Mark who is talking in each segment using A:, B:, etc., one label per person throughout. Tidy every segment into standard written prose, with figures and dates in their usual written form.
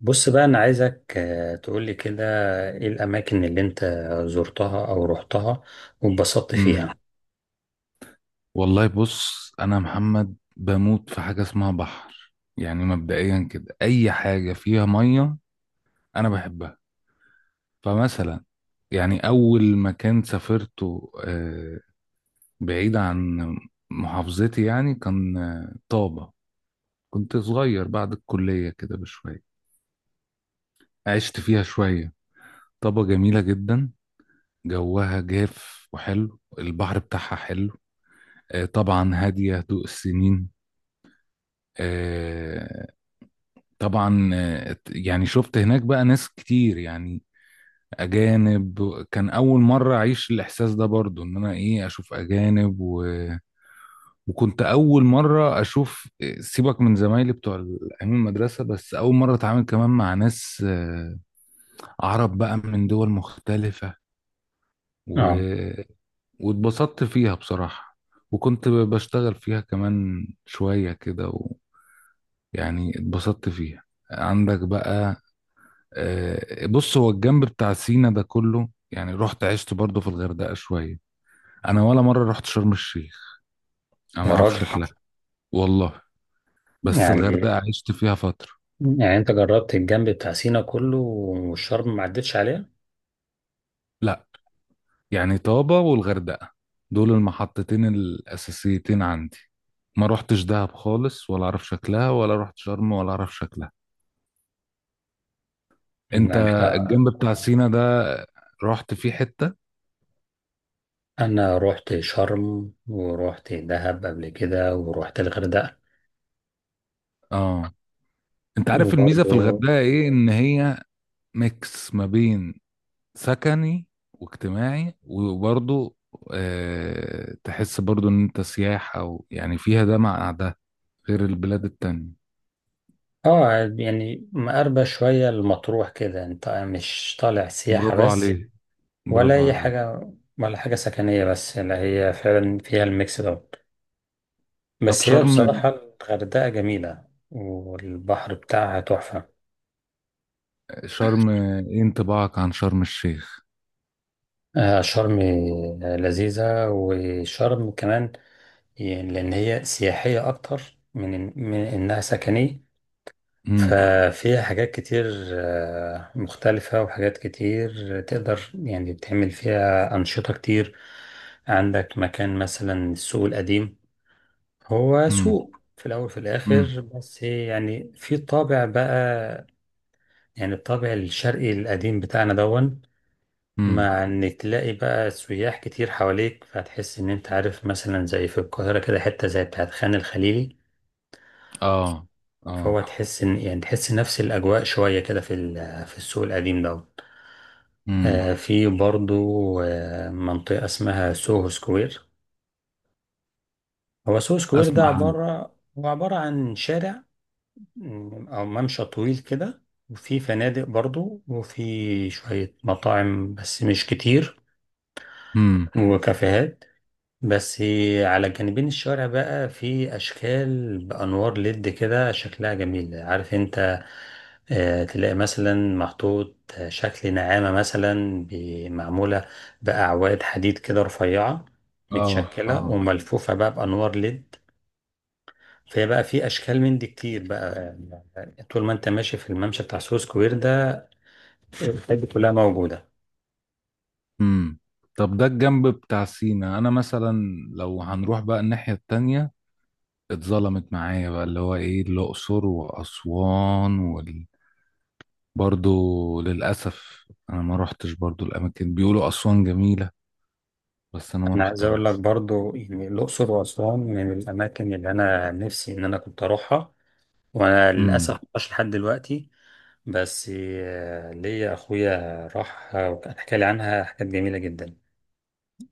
A: بص بقى أنا عايزك تقولي كده إيه الأماكن اللي أنت زرتها أو رحتها واتبسطت فيها.
B: امم والله، بص. انا محمد بموت في حاجه اسمها بحر، يعني مبدئيا كده اي حاجه فيها ميه انا بحبها. فمثلا يعني اول مكان سافرته، بعيد عن محافظتي، يعني كان طابه. كنت صغير بعد الكليه كده بشويه، عشت فيها شويه. طابه جميله جدا، جوها جاف وحلو، البحر بتاعها حلو. طبعا هاديه، هدوء السنين. آه، طبعا. يعني شفت هناك بقى ناس كتير، يعني اجانب. كان اول مره اعيش الاحساس ده، برضو ان انا ايه اشوف اجانب وكنت اول مره اشوف سيبك من زمايلي بتوع ايام المدرسه. بس اول مره اتعامل كمان مع ناس عرب بقى من دول مختلفه و...
A: آه،
B: واتبسطت فيها بصراحه. وكنت بشتغل فيها كمان شويه كده، ويعني اتبسطت فيها. عندك بقى. بص، هو الجنب بتاع سينا ده كله يعني رحت عشت برضه في الغردقة شوية. أنا ولا مرة رحت شرم الشيخ، أنا ما
A: يا
B: أعرفش
A: راجل.
B: شكلها. والله. بس
A: يعني
B: الغردقة عشت فيها فترة.
A: يعني أنت جربت الجنب بتاع سينا كله والشرم ما عدتش عليها؟
B: لا، يعني طابة والغردقة، دول المحطتين الأساسيتين عندي. ما رحتش دهب خالص ولا أعرف شكلها، ولا رحت شرم ولا أعرف شكلها. أنت
A: يعني أنت،
B: الجنب بتاع سينا ده رحت فيه حتة؟
A: أنا رحت شرم ورحت دهب قبل كده ورحت الغردقة
B: آه. أنت عارف الميزة في
A: وبرضه
B: الغردقة إيه؟ إن هي ميكس ما بين سكني واجتماعي، وبرضه تحس برضه ان انت سياحة يعني فيها ده مع ده، غير البلاد التانية.
A: آه. يعني مقربة شوية المطروح كده، أنت مش طالع سياحة
B: برافو
A: بس
B: عليك،
A: ولا
B: برافو
A: أي
B: عليك.
A: حاجة ولا حاجة سكنية بس، لا هي فعلا فيها الميكس دوت.
B: طب،
A: بس هي
B: شرم
A: بصراحة الغردقة جميلة والبحر بتاعها تحفة.
B: شرم ايه انطباعك عن شرم الشيخ؟
A: شرم، لذيذة، وشرم كمان يعني لأن هي سياحية أكتر من إنها سكنية.
B: امم،
A: ففيها حاجات كتير مختلفة، وحاجات كتير تقدر يعني تعمل فيها أنشطة كتير. عندك مكان مثلا السوق القديم، هو
B: امم،
A: سوق في الأول وفي
B: امم،
A: الآخر بس يعني في طابع بقى، يعني الطابع الشرقي القديم بتاعنا دون.
B: امم.
A: مع إن تلاقي بقى سياح كتير حواليك فتحس إن أنت عارف مثلا زي في القاهرة كده حتة زي بتاعت خان الخليلي.
B: اه،
A: فهو
B: اه.
A: تحس إن يعني تحس نفس الأجواء شوية كده في في السوق القديم دون.
B: امم.
A: في برضو منطقة اسمها سوهو سكوير. هو سوهو سكوير ده
B: اسمع عنه.
A: عبارة، هو عبارة عن شارع أو ممشى طويل كده، وفي فنادق برضو وفي شوية مطاعم بس مش كتير،
B: امم.
A: وكافيهات بس. على جانبين الشارع بقى في أشكال بأنوار ليد كده شكلها جميل، عارف أنت. تلاقي مثلا محطوط شكل نعامة مثلا معمولة بأعواد حديد كده رفيعة،
B: اه،
A: متشكلة
B: اه.
A: وملفوفة بقى بأنوار ليد. فهي بقى في اشكال من دي كتير بقى، يعني طول ما انت ماشي في الممشى بتاع سو سكوير ده الحاجات دي كلها موجوده.
B: امم. طب، ده الجنب بتاع سينا. انا مثلا لو هنروح بقى الناحية التانية، اتظلمت معايا بقى اللي هو ايه الأقصر وأسوان برضو للأسف أنا ما روحتش، برضو الأماكن بيقولوا أسوان جميلة، بس أنا ما
A: انا عايز اقول لك
B: روحتهاش.
A: برضو يعني الاقصر واسوان من الاماكن اللي انا نفسي ان انا كنت اروحها، وانا للاسف
B: امم.
A: ما رحتش لحد دلوقتي. بس ليا اخويا راح وكان حكى لي عنها حاجات جميله جدا.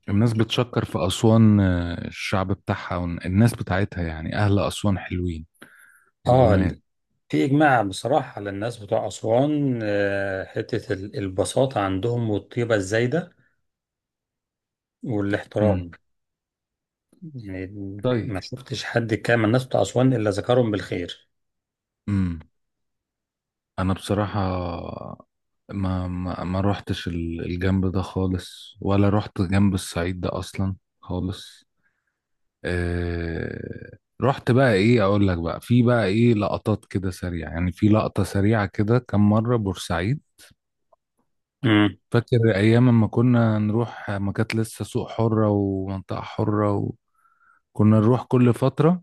B: الناس بتشكر في أسوان، الشعب بتاعها والناس بتاعتها، يعني أهل أسوان حلوين
A: اه،
B: وجمال.
A: في اجماع بصراحه على الناس بتوع اسوان، آه، البساطه عندهم والطيبه الزايده
B: امم.
A: والاحترام، يعني
B: طيب.
A: ما شفتش حد كان من الناس بتوع أسوان إلا ذكرهم بالخير.
B: امم. أنا بصراحة ما روحتش الجنب ده خالص، ولا روحت جنب الصعيد ده أصلا خالص. آه. رحت بقى، ايه اقول لك، بقى في بقى ايه لقطات كده سريعة. يعني في لقطة سريعة كده كم مرة بورسعيد.
A: امم،
B: فاكر ايام ما كنا نروح ما كانت لسه سوق حرة ومنطقة حرة، وكنا نروح كل فترة.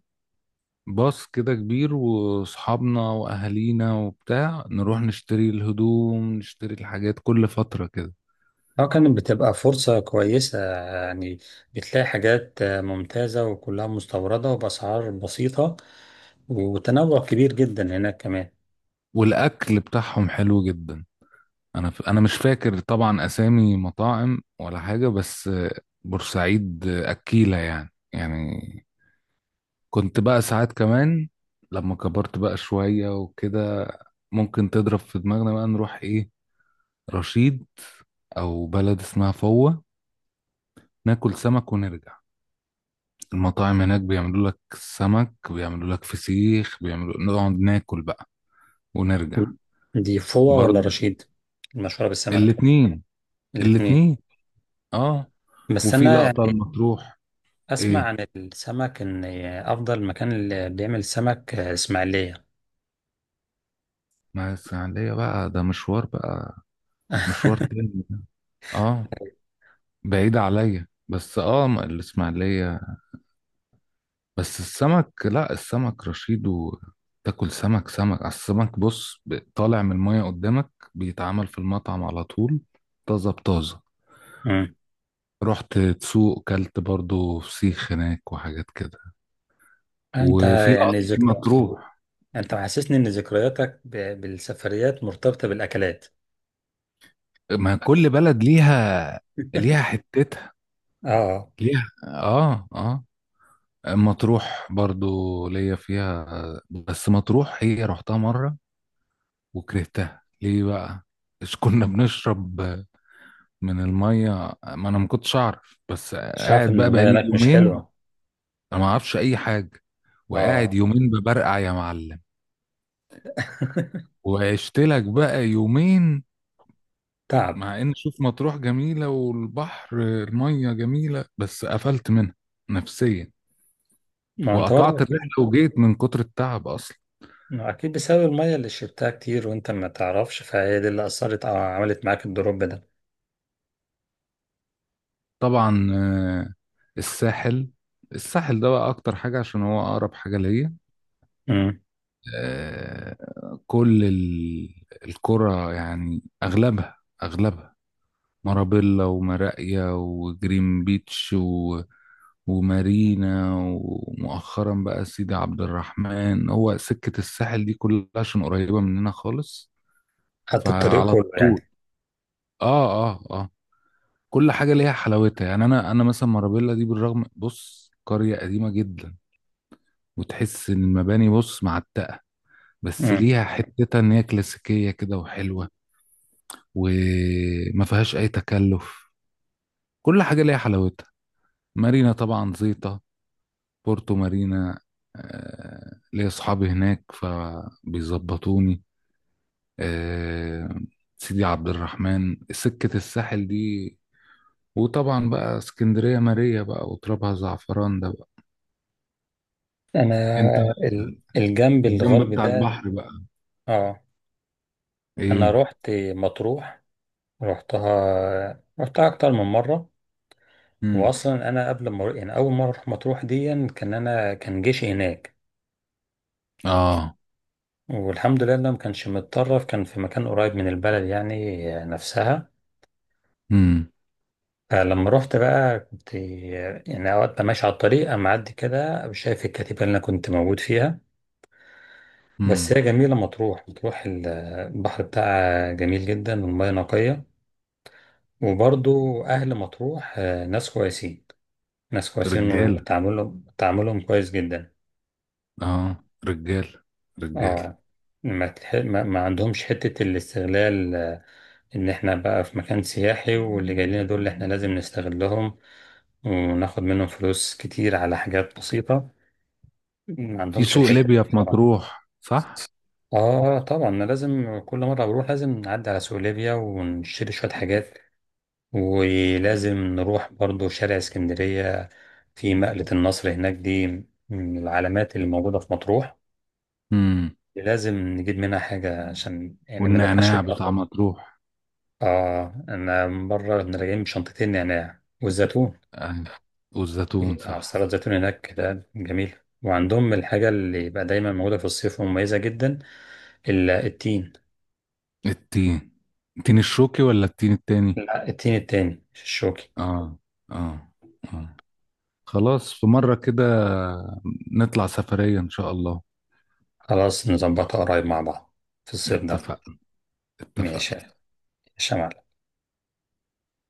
B: باص كده كبير واصحابنا واهالينا وبتاع، نروح نشتري الهدوم، نشتري الحاجات كل فترة كده.
A: اه كانت بتبقى فرصة كويسة، يعني بتلاقي حاجات ممتازة وكلها مستوردة وبأسعار بسيطة، وتنوع كبير جدا هناك كمان.
B: والاكل بتاعهم حلو جدا. انا مش فاكر طبعا اسامي مطاعم ولا حاجه، بس بورسعيد اكيله يعني. كنت بقى ساعات كمان لما كبرت بقى شويه وكده، ممكن تضرب في دماغنا بقى نروح ايه، رشيد او بلد اسمها فوة، ناكل سمك ونرجع. المطاعم هناك بيعملوا لك سمك، بيعملوا لك فسيخ، بيعملوا نقعد ناكل بقى، ونرجع.
A: دي فوة ولا
B: برضه.
A: رشيد المشهورة بالسمك؟
B: الاتنين.
A: الاتنين.
B: الاتنين. اه.
A: بس
B: وفي
A: أنا
B: لقطة
A: يعني
B: المطروح.
A: أسمع
B: ايه.
A: عن السمك إن أفضل مكان اللي بيعمل سمك إسماعيلية.
B: مع الإسماعيلية بقى، ده مشوار، بقى مشوار تاني. اه، بعيد عليا، بس الإسماعيلية. بس السمك. لا، السمك رشيد، وتاكل سمك سمك على السمك، بص طالع من المية قدامك، بيتعمل في المطعم على طول، طازة بطازة.
A: امم،
B: رحت تسوق كلت برضو فسيخ هناك وحاجات كده.
A: أنت
B: وفي
A: يعني
B: لقطة مطروح.
A: انت محسسني ان ذكرياتك بالسفريات مرتبطة بالاكلات.
B: ما كل بلد ليها. ليها حتتها.
A: اه،
B: ليها. اه، اه. مطروح برضو ليا فيها، بس مطروح هي رحتها مرة وكرهتها. ليه بقى؟ مش كنا بنشرب من المية، ما انا ما كنتش اعرف، بس
A: مش عارف
B: قاعد
A: ان
B: بقى
A: المية
B: بقالي
A: هناك مش
B: يومين.
A: حلوة.
B: انا ما اعرفش اي حاجة، وقاعد
A: اه.
B: يومين ببرقع يا معلم. وعشت لك بقى يومين.
A: تعب.
B: مع ان، شوف، مطروح جميلة والبحر المية جميلة، بس قفلت منها نفسيا.
A: ما انت برضه
B: وقطعت
A: اكيد،
B: الرحلة وجيت من كتر التعب اصلا.
A: ما اكيد بسبب المية اللي شربتها كتير وانت ما تعرفش، فهي دي اللي اثرت او عملت معاك الدروب ده.
B: طبعا. الساحل الساحل ده بقى اكتر حاجة عشان هو اقرب حاجة ليا.
A: امم،
B: كل القرى يعني اغلبها، اغلبها مارابيلا ومراقيا وجرين بيتش ومارينا، ومؤخرا بقى سيدي عبد الرحمن. هو سكة الساحل دي كلها عشان قريبة مننا خالص.
A: خدت الطريق
B: فعلى
A: كله
B: طول.
A: يعني.
B: اه، اه، آه. كل حاجة ليها حلاوتها. يعني أنا مثلا، مارابيلا دي بالرغم، بص قرية قديمة جدا، وتحس إن المباني، بص، معتقة، بس
A: امم،
B: ليها حتتها إن هي كلاسيكية كده وحلوة، وما فيهاش أي تكلف. كل حاجة ليها حلاوتها. مارينا طبعا زيطة، بورتو مارينا. ليا أصحابي هناك فبيظبطوني. آه، سيدي عبد الرحمن، سكة الساحل دي. وطبعا بقى اسكندرية، ماريا بقى وترابها زعفران ده بقى.
A: انا
B: انت
A: الجنب
B: الجنب
A: الغربي
B: بتاع
A: ده.
B: البحر بقى.
A: اه، انا
B: ايه.
A: رحت مطروح، رحتها، رحتها اكتر من مرة.
B: امم.
A: واصلا انا قبل ما أروح- يعني اول مره اروح مطروح دي كان انا كان جيشي هناك.
B: اه.
A: والحمد لله إنه ما كانش متطرف، كان في مكان قريب من البلد يعني نفسها.
B: امم.
A: فلما رحت بقى كنت يعني اوقات ببقى ماشي على الطريق اما اعدي كده شايف الكتيبه اللي انا كنت موجود فيها. بس
B: امم.
A: هي جميله مطروح، مطروح البحر بتاعها جميل جدا والميه نقيه. وبرضو اهل مطروح، آه، ناس كويسين، ناس كويسين،
B: رجاله.
A: وتعاملهم تعاملهم كويس جدا.
B: اه. رجاله. رجاله.
A: اه، ما, تح... ما ما عندهمش حتة الاستغلال، آه، ان احنا بقى في مكان سياحي واللي جاي لنا دول اللي احنا لازم نستغلهم وناخد منهم فلوس كتير على حاجات بسيطة. ما
B: في
A: عندهمش
B: سوق
A: الحتة دي
B: ليبيا في
A: بصراحة.
B: مطروح، صح؟
A: اه طبعا انا لازم كل مرة بروح لازم نعدي على سوق ليبيا ونشتري شوية حاجات، ولازم نروح برضو شارع اسكندرية. في مقلة النصر هناك دي من العلامات اللي موجودة في مطروح،
B: امم.
A: لازم نجيب منها حاجة عشان يعني ما نرجعش
B: والنعناع بتاع
A: متأخر.
B: مطروح.
A: آه أنا مرة كنا راجعين بشنطتين نعناع والزيتون.
B: آه. والزيتون،
A: آه، السلطة
B: صح.
A: الزيتون هناك كده جميل. وعندهم الحاجة اللي بقى دايما موجودة في الصيف ومميزة جدا، التين.
B: التين. التين الشوكي ولا التين التاني؟
A: لا، التين التاني الشوكي.
B: اه، اه، اه. خلاص، في مرة كده نطلع سفرية إن شاء الله.
A: خلاص نظبطها قريب مع بعض في الصيف ده، ماشي.
B: اتفقنا،
A: ماشي يا
B: اتفقنا.
A: شمال.